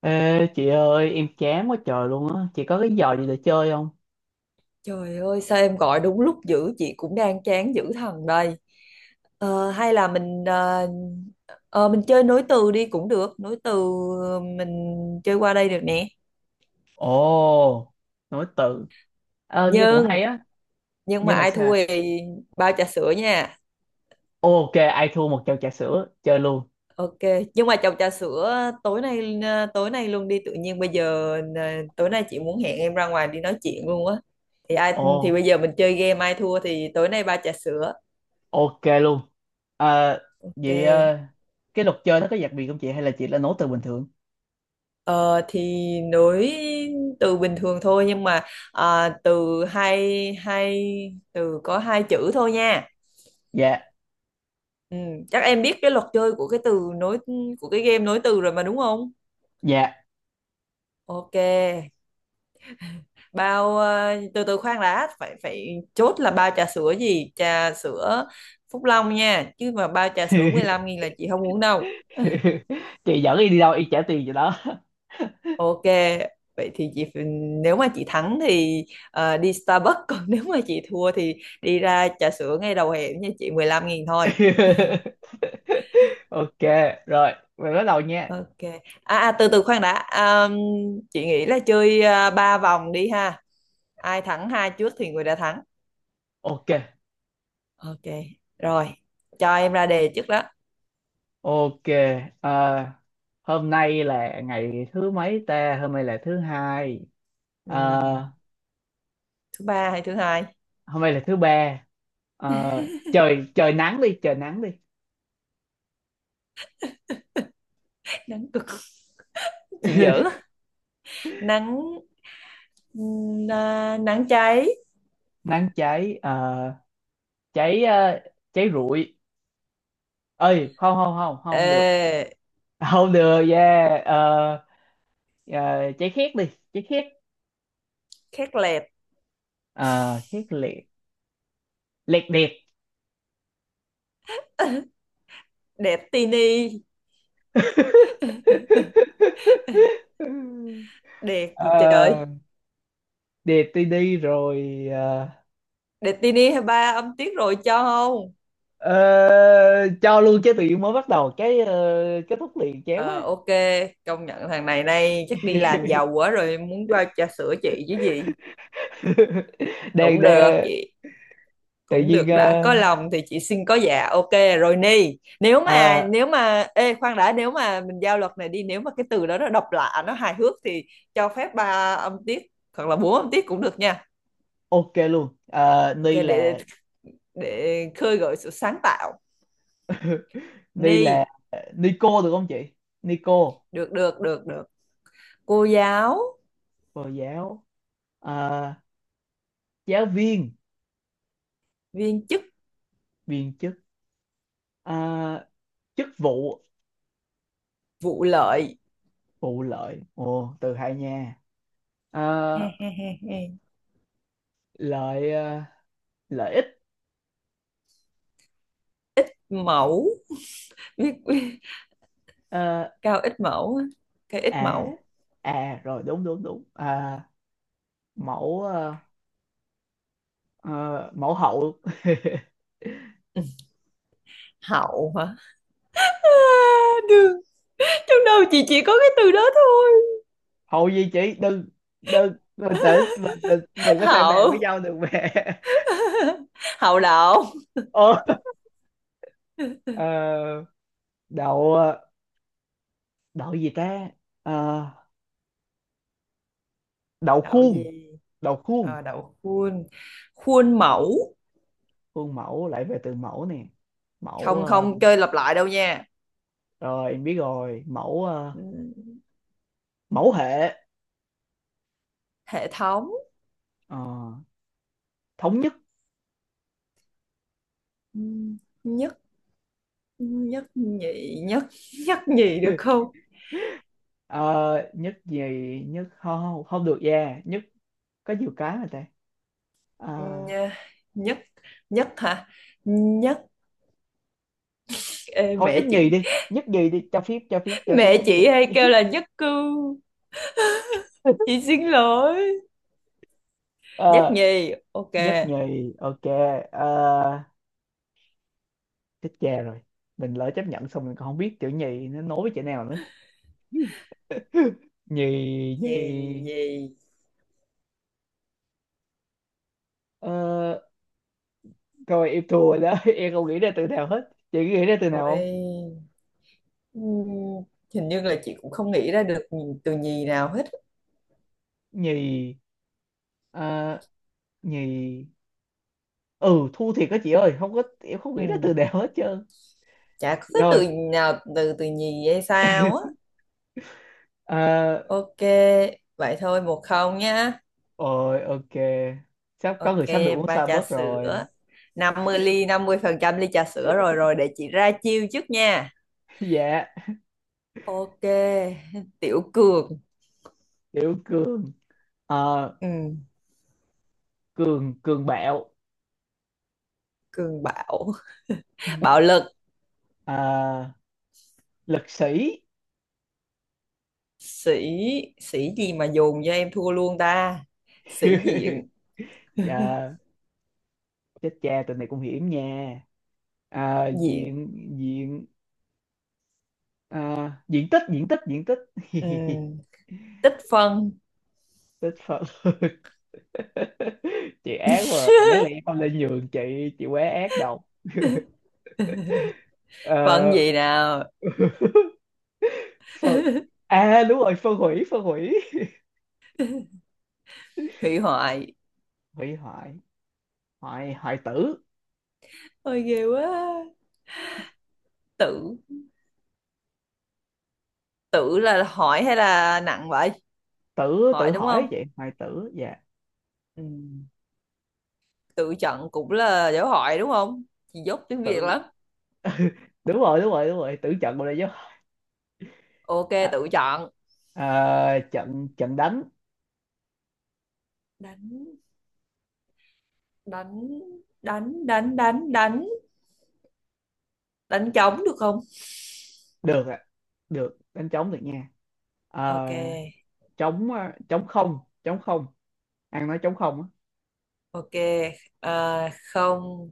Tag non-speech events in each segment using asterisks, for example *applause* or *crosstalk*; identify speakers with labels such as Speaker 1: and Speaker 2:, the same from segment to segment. Speaker 1: Ê chị ơi, em chán quá trời luôn á. Chị có cái trò gì để chơi không?
Speaker 2: Trời ơi, sao em gọi đúng lúc dữ, chị cũng đang chán dữ thần đây. Hay là mình chơi nối từ đi, cũng được. Nối từ mình chơi qua đây được nè.
Speaker 1: Ồ, nối tự. Ờ, nghe cũng
Speaker 2: nhưng
Speaker 1: hay á.
Speaker 2: nhưng mà
Speaker 1: Nhưng mà
Speaker 2: ai
Speaker 1: sao?
Speaker 2: thua thì bao trà sữa nha.
Speaker 1: Ok, ai thua một chầu trà sữa. Chơi luôn.
Speaker 2: Ok. Nhưng mà chồng trà sữa tối nay, tối nay luôn đi, tự nhiên bây giờ tối nay chị muốn hẹn em ra ngoài đi nói chuyện luôn á. Thì ai
Speaker 1: Ồ,
Speaker 2: thì Bây giờ mình chơi game, ai thua thì tối nay ba trà sữa.
Speaker 1: ok luôn. Ờ.
Speaker 2: Ok.
Speaker 1: Vậy cái luật chơi nó có đặc biệt không chị? Hay là chị là nối từ bình thường?
Speaker 2: Ờ, thì nối từ bình thường thôi, nhưng mà từ hai hai từ có hai chữ thôi nha.
Speaker 1: Dạ.
Speaker 2: Ừ, chắc em biết cái luật chơi của cái từ nối, của cái game nối từ rồi mà, đúng không?
Speaker 1: Dạ.
Speaker 2: Ok. Bao từ từ khoan đã, phải phải chốt là bao trà sữa gì? Trà sữa Phúc Long nha, chứ mà bao trà sữa mười
Speaker 1: *laughs*
Speaker 2: lăm nghìn là chị không uống đâu.
Speaker 1: Chị dẫn đi, đi đâu y trả tiền cho đó.
Speaker 2: Ok, vậy thì nếu mà chị thắng thì đi Starbucks, còn *laughs* nếu mà chị thua thì đi ra trà sữa ngay đầu hẻm nha chị 15 nghìn thôi.
Speaker 1: *laughs* Ok rồi, mình bắt đầu nha.
Speaker 2: Ok. Từ từ khoan đã. Chị nghĩ là chơi 3 vòng đi ha. Ai thắng hai trước thì người đã thắng.
Speaker 1: Ok.
Speaker 2: Ok. Rồi, cho em ra đề trước đó.
Speaker 1: Ok, à, hôm nay là ngày thứ mấy ta? Hôm nay là thứ hai,
Speaker 2: Ừm,
Speaker 1: à,
Speaker 2: Thứ ba hay thứ hai?
Speaker 1: hôm nay là thứ ba. À, trời trời nắng đi,
Speaker 2: *laughs* Nắng cực. Chị dở.
Speaker 1: *laughs*
Speaker 2: Nắng Nắng cháy.
Speaker 1: nắng cháy, à, cháy, à, cháy rụi. Ơi, không không không không được,
Speaker 2: Ờ,
Speaker 1: không được, yeah, cháy khét đi, cháy khét,
Speaker 2: Khét lẹt.
Speaker 1: à, khét liệt, liệt điệt.
Speaker 2: Đẹp tini.
Speaker 1: *laughs*
Speaker 2: Đẹp gì trời.
Speaker 1: Ờ, điệt đi đi rồi, ờ.
Speaker 2: Đẹp tini hay, ba âm tiết rồi, cho không?
Speaker 1: Ờ, cho luôn chứ tự nhiên mới bắt đầu cái kết thúc liền chán
Speaker 2: Ờ
Speaker 1: quá.
Speaker 2: ok, công nhận thằng này nay chắc đi làm giàu
Speaker 1: *laughs*
Speaker 2: quá rồi, muốn bao trà sữa chị chứ gì.
Speaker 1: đang
Speaker 2: Cũng được
Speaker 1: đang
Speaker 2: chị,
Speaker 1: tự
Speaker 2: cũng
Speaker 1: nhiên
Speaker 2: được, đã
Speaker 1: ờ,
Speaker 2: có lòng thì chị xin có. Dạ, ok. Rồi ni,
Speaker 1: à,
Speaker 2: nếu mà ê, khoan đã, nếu mà mình giao luật này đi, nếu mà cái từ đó nó độc lạ, nó hài hước thì cho phép ba âm tiết hoặc là bốn âm tiết cũng được nha.
Speaker 1: ok luôn. Ờ,
Speaker 2: Ok,
Speaker 1: ni
Speaker 2: để
Speaker 1: là.
Speaker 2: để khơi gợi sự sáng tạo.
Speaker 1: *laughs* Ni là
Speaker 2: Ni.
Speaker 1: Nico được không chị? Nico
Speaker 2: Được, được, được, được. Cô giáo.
Speaker 1: cô giáo. Ờ, giáo viên.
Speaker 2: Viên chức.
Speaker 1: Viên chức. Ờ, chức vụ.
Speaker 2: Vụ lợi.
Speaker 1: Vụ lợi, ồ từ hai nha. Ờ,
Speaker 2: *laughs*
Speaker 1: lợi ờ, lợi ích.
Speaker 2: Mẫu. Biết.
Speaker 1: Ờ,
Speaker 2: *laughs* Cao ít mẫu á. Cái ít
Speaker 1: à
Speaker 2: mẫu.
Speaker 1: à rồi đúng đúng đúng, à, mẫu, à, ờ, mẫu hậu. *laughs*
Speaker 2: Hậu hả? à, Đường. Trong đầu chị chỉ có cái từ đó thôi.
Speaker 1: Hậu gì chị, đừng, đừng, bình tĩnh, mình có thể bàn với
Speaker 2: Hậu.
Speaker 1: nhau được mẹ. *laughs*
Speaker 2: Hậu đậu.
Speaker 1: Ờ, ờ, đậu, ờ, đậu gì ta? Ờ, đậu
Speaker 2: Đậu gì?
Speaker 1: khuôn. Đậu khuôn,
Speaker 2: Đậu khuôn. Khuôn mẫu.
Speaker 1: khuôn mẫu lại về từ mẫu nè. Mẫu
Speaker 2: Không,
Speaker 1: ờ,
Speaker 2: không chơi lặp lại đâu nha.
Speaker 1: rồi em biết rồi. Mẫu ờ,
Speaker 2: Ừ.
Speaker 1: mẫu hệ.
Speaker 2: Hệ thống.
Speaker 1: Ờ, thống nhất.
Speaker 2: Ừ. Nhất. Nhất nhị. Nhất. Nhất nhì được
Speaker 1: *laughs*
Speaker 2: không?
Speaker 1: Ờ, nhất gì? Nhất không không, không được, yeah. Nhất có nhiều cái mà ta. Ờ,
Speaker 2: Ừ, nhất, nhất hả, nhất, ê,
Speaker 1: thôi
Speaker 2: mẹ
Speaker 1: nhất nhì
Speaker 2: chị.
Speaker 1: đi, nhất nhì đi, cho phép, cho phép, cho phép
Speaker 2: Mẹ
Speaker 1: nhất nhì.
Speaker 2: chị hay kêu là nhất cư.
Speaker 1: *laughs*
Speaker 2: Chị xin lỗi. Nhất
Speaker 1: Ờ,
Speaker 2: nhì. Ok.
Speaker 1: nhất nhì ok. Ờ, chết cha rồi, mình lỡ chấp nhận xong mình còn không biết chữ nhì nó nối với chữ nào nữa. Nhì. Nhì.
Speaker 2: Nhì. Nhì.
Speaker 1: Ờ, rồi em thua rồi đó. *laughs* Em không nghĩ ra từ nào hết, chị nghĩ ra từ nào không?
Speaker 2: Ôi, ừm, hình như là chị cũng không nghĩ ra được từ nhì nào hết.
Speaker 1: Nhì. Ờ, nhì. Ừ, thua thiệt đó chị ơi, không có, em không nghĩ ra từ
Speaker 2: Ừm,
Speaker 1: nào hết trơn.
Speaker 2: Chả có cái
Speaker 1: Rồi.
Speaker 2: từ nào từ từ nhì hay sao á?
Speaker 1: Ờ,
Speaker 2: Ok. Vậy thôi, 1-0 nhá.
Speaker 1: rồi ok, sắp có
Speaker 2: Ok.
Speaker 1: người sắp được uống
Speaker 2: Ba trà
Speaker 1: Starbucks rồi.
Speaker 2: sữa. Năm mươi ly, 50% ly trà sữa, rồi rồi để chị ra chiêu trước nha.
Speaker 1: *laughs* Dạ.
Speaker 2: Ok. *laughs* Tiểu Cường.
Speaker 1: Kiểu cường. Ờ,
Speaker 2: Ừm,
Speaker 1: cường cường bạo.
Speaker 2: Cường Bảo. *laughs* Bạo lực.
Speaker 1: À, lực sĩ.
Speaker 2: Sĩ, sĩ gì mà dồn cho em thua luôn ta? Sĩ
Speaker 1: *laughs*
Speaker 2: diện. *laughs*
Speaker 1: Dạ. Chết cha, tụi này cũng hiểm nha. À,
Speaker 2: Diện.
Speaker 1: diện. Diện. À, diện tích. *laughs*
Speaker 2: Ừm, Tích phân.
Speaker 1: Tích phật. *laughs* Chị ác quá à. Đáng
Speaker 2: *laughs*
Speaker 1: lẽ con lên nhường chị. Chị quá ác đâu.
Speaker 2: Phân
Speaker 1: Ờ.
Speaker 2: gì nào?
Speaker 1: *laughs* Phân,
Speaker 2: *laughs*
Speaker 1: à đúng rồi, phân hủy.
Speaker 2: Hủy hoại.
Speaker 1: Hủy hoại. Hoại, hoại tử.
Speaker 2: Ôi ghê quá. Tự, tự là hỏi hay là nặng vậy?
Speaker 1: tử
Speaker 2: Hỏi
Speaker 1: tử
Speaker 2: đúng không?
Speaker 1: hỏi vậy, hoại tử, dạ.
Speaker 2: Ừm, Tự chọn cũng là dấu hỏi đúng không? Chị dốt tiếng Việt
Speaker 1: Tử.
Speaker 2: lắm.
Speaker 1: *laughs* Đúng rồi, đúng rồi, đúng rồi, tử trận, bộ này chứ.
Speaker 2: Ok,
Speaker 1: À,
Speaker 2: tự chọn.
Speaker 1: à, trận, trận đánh.
Speaker 2: Đánh đánh đánh đánh đánh đánh đánh trống được không?
Speaker 1: Được ạ, được, đánh trống được nha. À,
Speaker 2: Ok.
Speaker 1: trống, à, trống không, ăn nói trống không á.
Speaker 2: Ok. Không,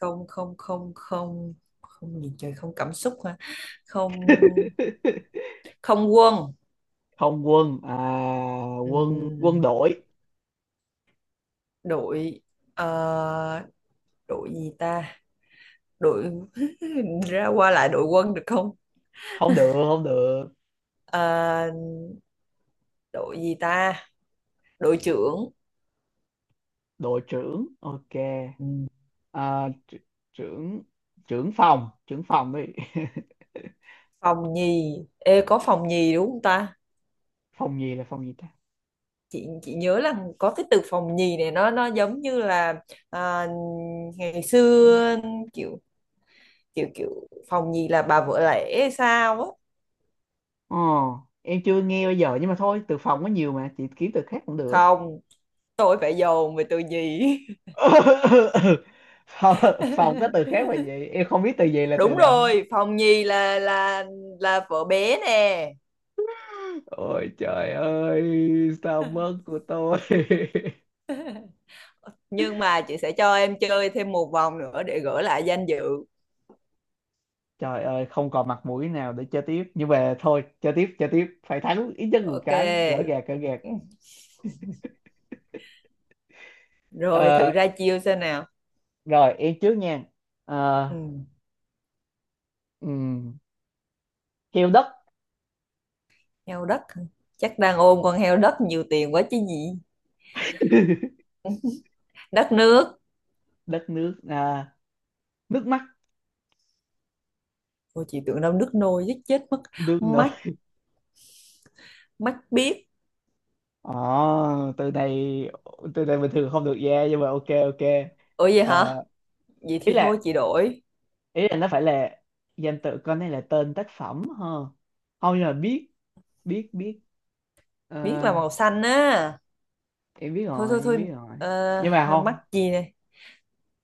Speaker 2: không, không, không, không, không gì trời, không cảm xúc hả? Không.
Speaker 1: *laughs*
Speaker 2: Không quân.
Speaker 1: Không quân. À, quân quân
Speaker 2: Ừm,
Speaker 1: đội.
Speaker 2: Đội, ờ, đội gì ta, đội *laughs* ra qua lại đội quân được không?
Speaker 1: Không được, không được.
Speaker 2: Ờ, Đội gì ta? Đội trưởng.
Speaker 1: Đội trưởng ok.
Speaker 2: Ừm,
Speaker 1: À, tr-, trưởng, trưởng phòng đi.
Speaker 2: Phòng nhì, ê, có phòng nhì đúng không ta?
Speaker 1: *laughs* Phòng gì, là phòng gì ta?
Speaker 2: Chị nhớ là có cái từ phòng nhì này, nó giống như là, à, ngày xưa, kiểu kiểu kiểu phòng nhì là bà vợ lẽ hay sao á.
Speaker 1: Ờ, em chưa nghe bao giờ, nhưng mà thôi, từ phòng có nhiều mà, chị kiếm từ khác cũng được.
Speaker 2: Không, tôi phải dồn về từ nhì.
Speaker 1: *laughs* Phòng, phòng có từ
Speaker 2: *laughs*
Speaker 1: khác mà gì? Em không biết từ gì, là từ
Speaker 2: Đúng
Speaker 1: nào.
Speaker 2: rồi, phòng nhì là vợ bé nè.
Speaker 1: Ôi trời ơi, sao mất của tôi. *laughs*
Speaker 2: Nhưng mà chị sẽ cho em chơi thêm một vòng nữa để gỡ lại danh dự.
Speaker 1: Trời ơi, không còn mặt mũi nào để chơi tiếp. Nhưng mà thôi, chơi tiếp, chơi tiếp. Phải thắng ít nhất một
Speaker 2: Ok.
Speaker 1: cái, gỡ gạc, gỡ gạc.
Speaker 2: Ừ. Rồi, thử
Speaker 1: Ờ,
Speaker 2: ra chiêu xem nào.
Speaker 1: rồi, em trước nha. Ờ,
Speaker 2: Ừ.
Speaker 1: ừm, heo đất.
Speaker 2: Heo đất hả? Chắc đang ôm con heo đất nhiều tiền quá chứ gì.
Speaker 1: *laughs*
Speaker 2: Đất nước.
Speaker 1: Đất nước, à, nước mắt,
Speaker 2: Ôi chị tưởng đâu nước nôi giết chết mất.
Speaker 1: nước nở.
Speaker 2: Mắt. Mắt biết.
Speaker 1: Ờ, từ này từ này bình thường không được ra, nhưng mà ok ok.
Speaker 2: Ủa vậy
Speaker 1: Ờ,
Speaker 2: hả? Vậy
Speaker 1: ý
Speaker 2: thì thôi
Speaker 1: là
Speaker 2: chị đổi.
Speaker 1: ý là nó phải là danh tự, con này là tên tác phẩm ha. Không, nhưng mà biết, biết, biết. Ờ,
Speaker 2: Biết là màu xanh á.
Speaker 1: em biết
Speaker 2: Thôi,
Speaker 1: rồi,
Speaker 2: thôi,
Speaker 1: em
Speaker 2: thôi.
Speaker 1: biết rồi, nhưng mà
Speaker 2: Ờ, Mắt
Speaker 1: không.
Speaker 2: gì này?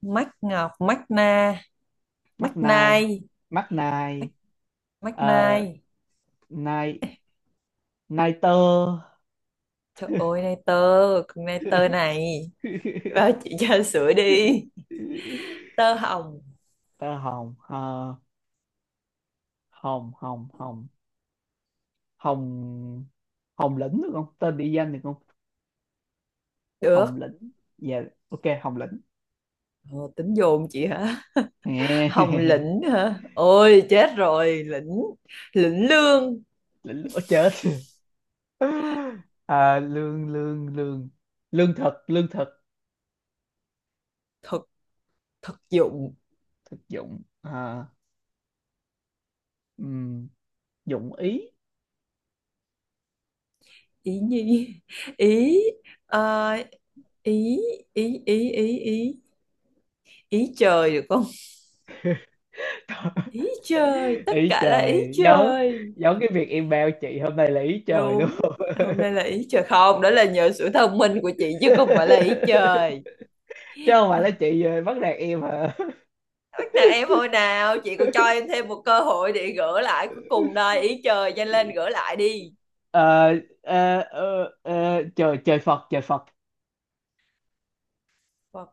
Speaker 2: Mắt ngọc, mắt na, mắt
Speaker 1: Mắt nai.
Speaker 2: nai.
Speaker 1: Mắt nai.
Speaker 2: Mắt
Speaker 1: Ờ,
Speaker 2: nai.
Speaker 1: nai, nai tơ.
Speaker 2: Trời ơi, nai tơ. Con nai tơ này bao
Speaker 1: *laughs*
Speaker 2: chị cho sữa đi. Tơ hồng.
Speaker 1: Tơ hồng. Ờ, hồng, hồng, hồng, hồng, hồng lĩnh được không, tên địa danh được không? Hồng
Speaker 2: Được.
Speaker 1: Lĩnh, dạ, ok Hồng Lĩnh.
Speaker 2: Ờ, Tính dồn chị hả? Hồng
Speaker 1: *laughs*
Speaker 2: lĩnh hả? Ôi chết rồi. Lĩnh. Lĩnh lương.
Speaker 1: Lĩnh lửa chết. *laughs* À, lương, lương thực, lương thực.
Speaker 2: Thực. Thực dụng.
Speaker 1: Thực dụng. À, ừm, dụng ý.
Speaker 2: Ý nhi. *laughs* Ý. ờ, Ý, ý, ý, ý, ý, ý trời được không? Ý trời,
Speaker 1: *laughs*
Speaker 2: tất
Speaker 1: Ý
Speaker 2: cả là ý
Speaker 1: trời giống,
Speaker 2: trời.
Speaker 1: giống cái việc email chị hôm nay là ý trời luôn.
Speaker 2: Đúng. Hôm
Speaker 1: *laughs*
Speaker 2: nay là ý trời không, đó là nhờ sự thông minh của chị chứ không phải là ý trời.
Speaker 1: Chứ không phải là chị bắt nạt em hả.
Speaker 2: Bắt nạt em hồi nào? Chị còn cho
Speaker 1: *laughs*
Speaker 2: em thêm một cơ hội để gỡ lại cuối cùng đây. Ý trời, nhanh lên gỡ lại đi.
Speaker 1: Ờ, trời trời Phật, trời Phật.
Speaker 2: Phật.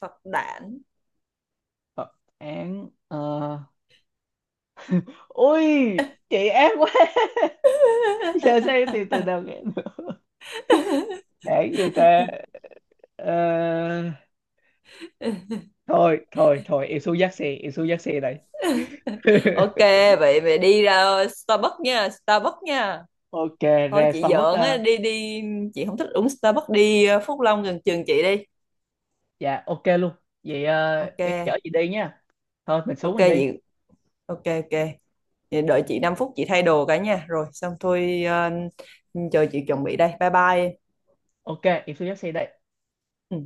Speaker 2: Phật đản.
Speaker 1: Phật án, ờ, ui, chị ác quá. *laughs* Giờ sao em tìm từ
Speaker 2: *laughs*
Speaker 1: đầu nghe được. Đáng gì ta? Ờ, thôi thôi thôi, em xuống dắt xe, em xuống dắt xe đây.
Speaker 2: Ok,
Speaker 1: *laughs*
Speaker 2: vậy mày đi ra Starbucks nha, Starbucks nha.
Speaker 1: Ok.
Speaker 2: Thôi
Speaker 1: Ra
Speaker 2: chị
Speaker 1: Starbucks
Speaker 2: giỡn á,
Speaker 1: ờ,
Speaker 2: đi đi. Chị không thích uống Starbucks, đi Phúc Long gần trường chị đi.
Speaker 1: dạ ok luôn. Vậy
Speaker 2: Ok.
Speaker 1: em chở chị đi nha. Thôi mình xuống
Speaker 2: Ok
Speaker 1: mình đi.
Speaker 2: chị. Ok, ok. Vậy đợi chị 5 phút chị thay đồ cả nha, rồi xong thôi. Ờ, Chờ chị chuẩn bị đây, bye bye.
Speaker 1: Ok, em xuống dắt xe đây.
Speaker 2: Ừ.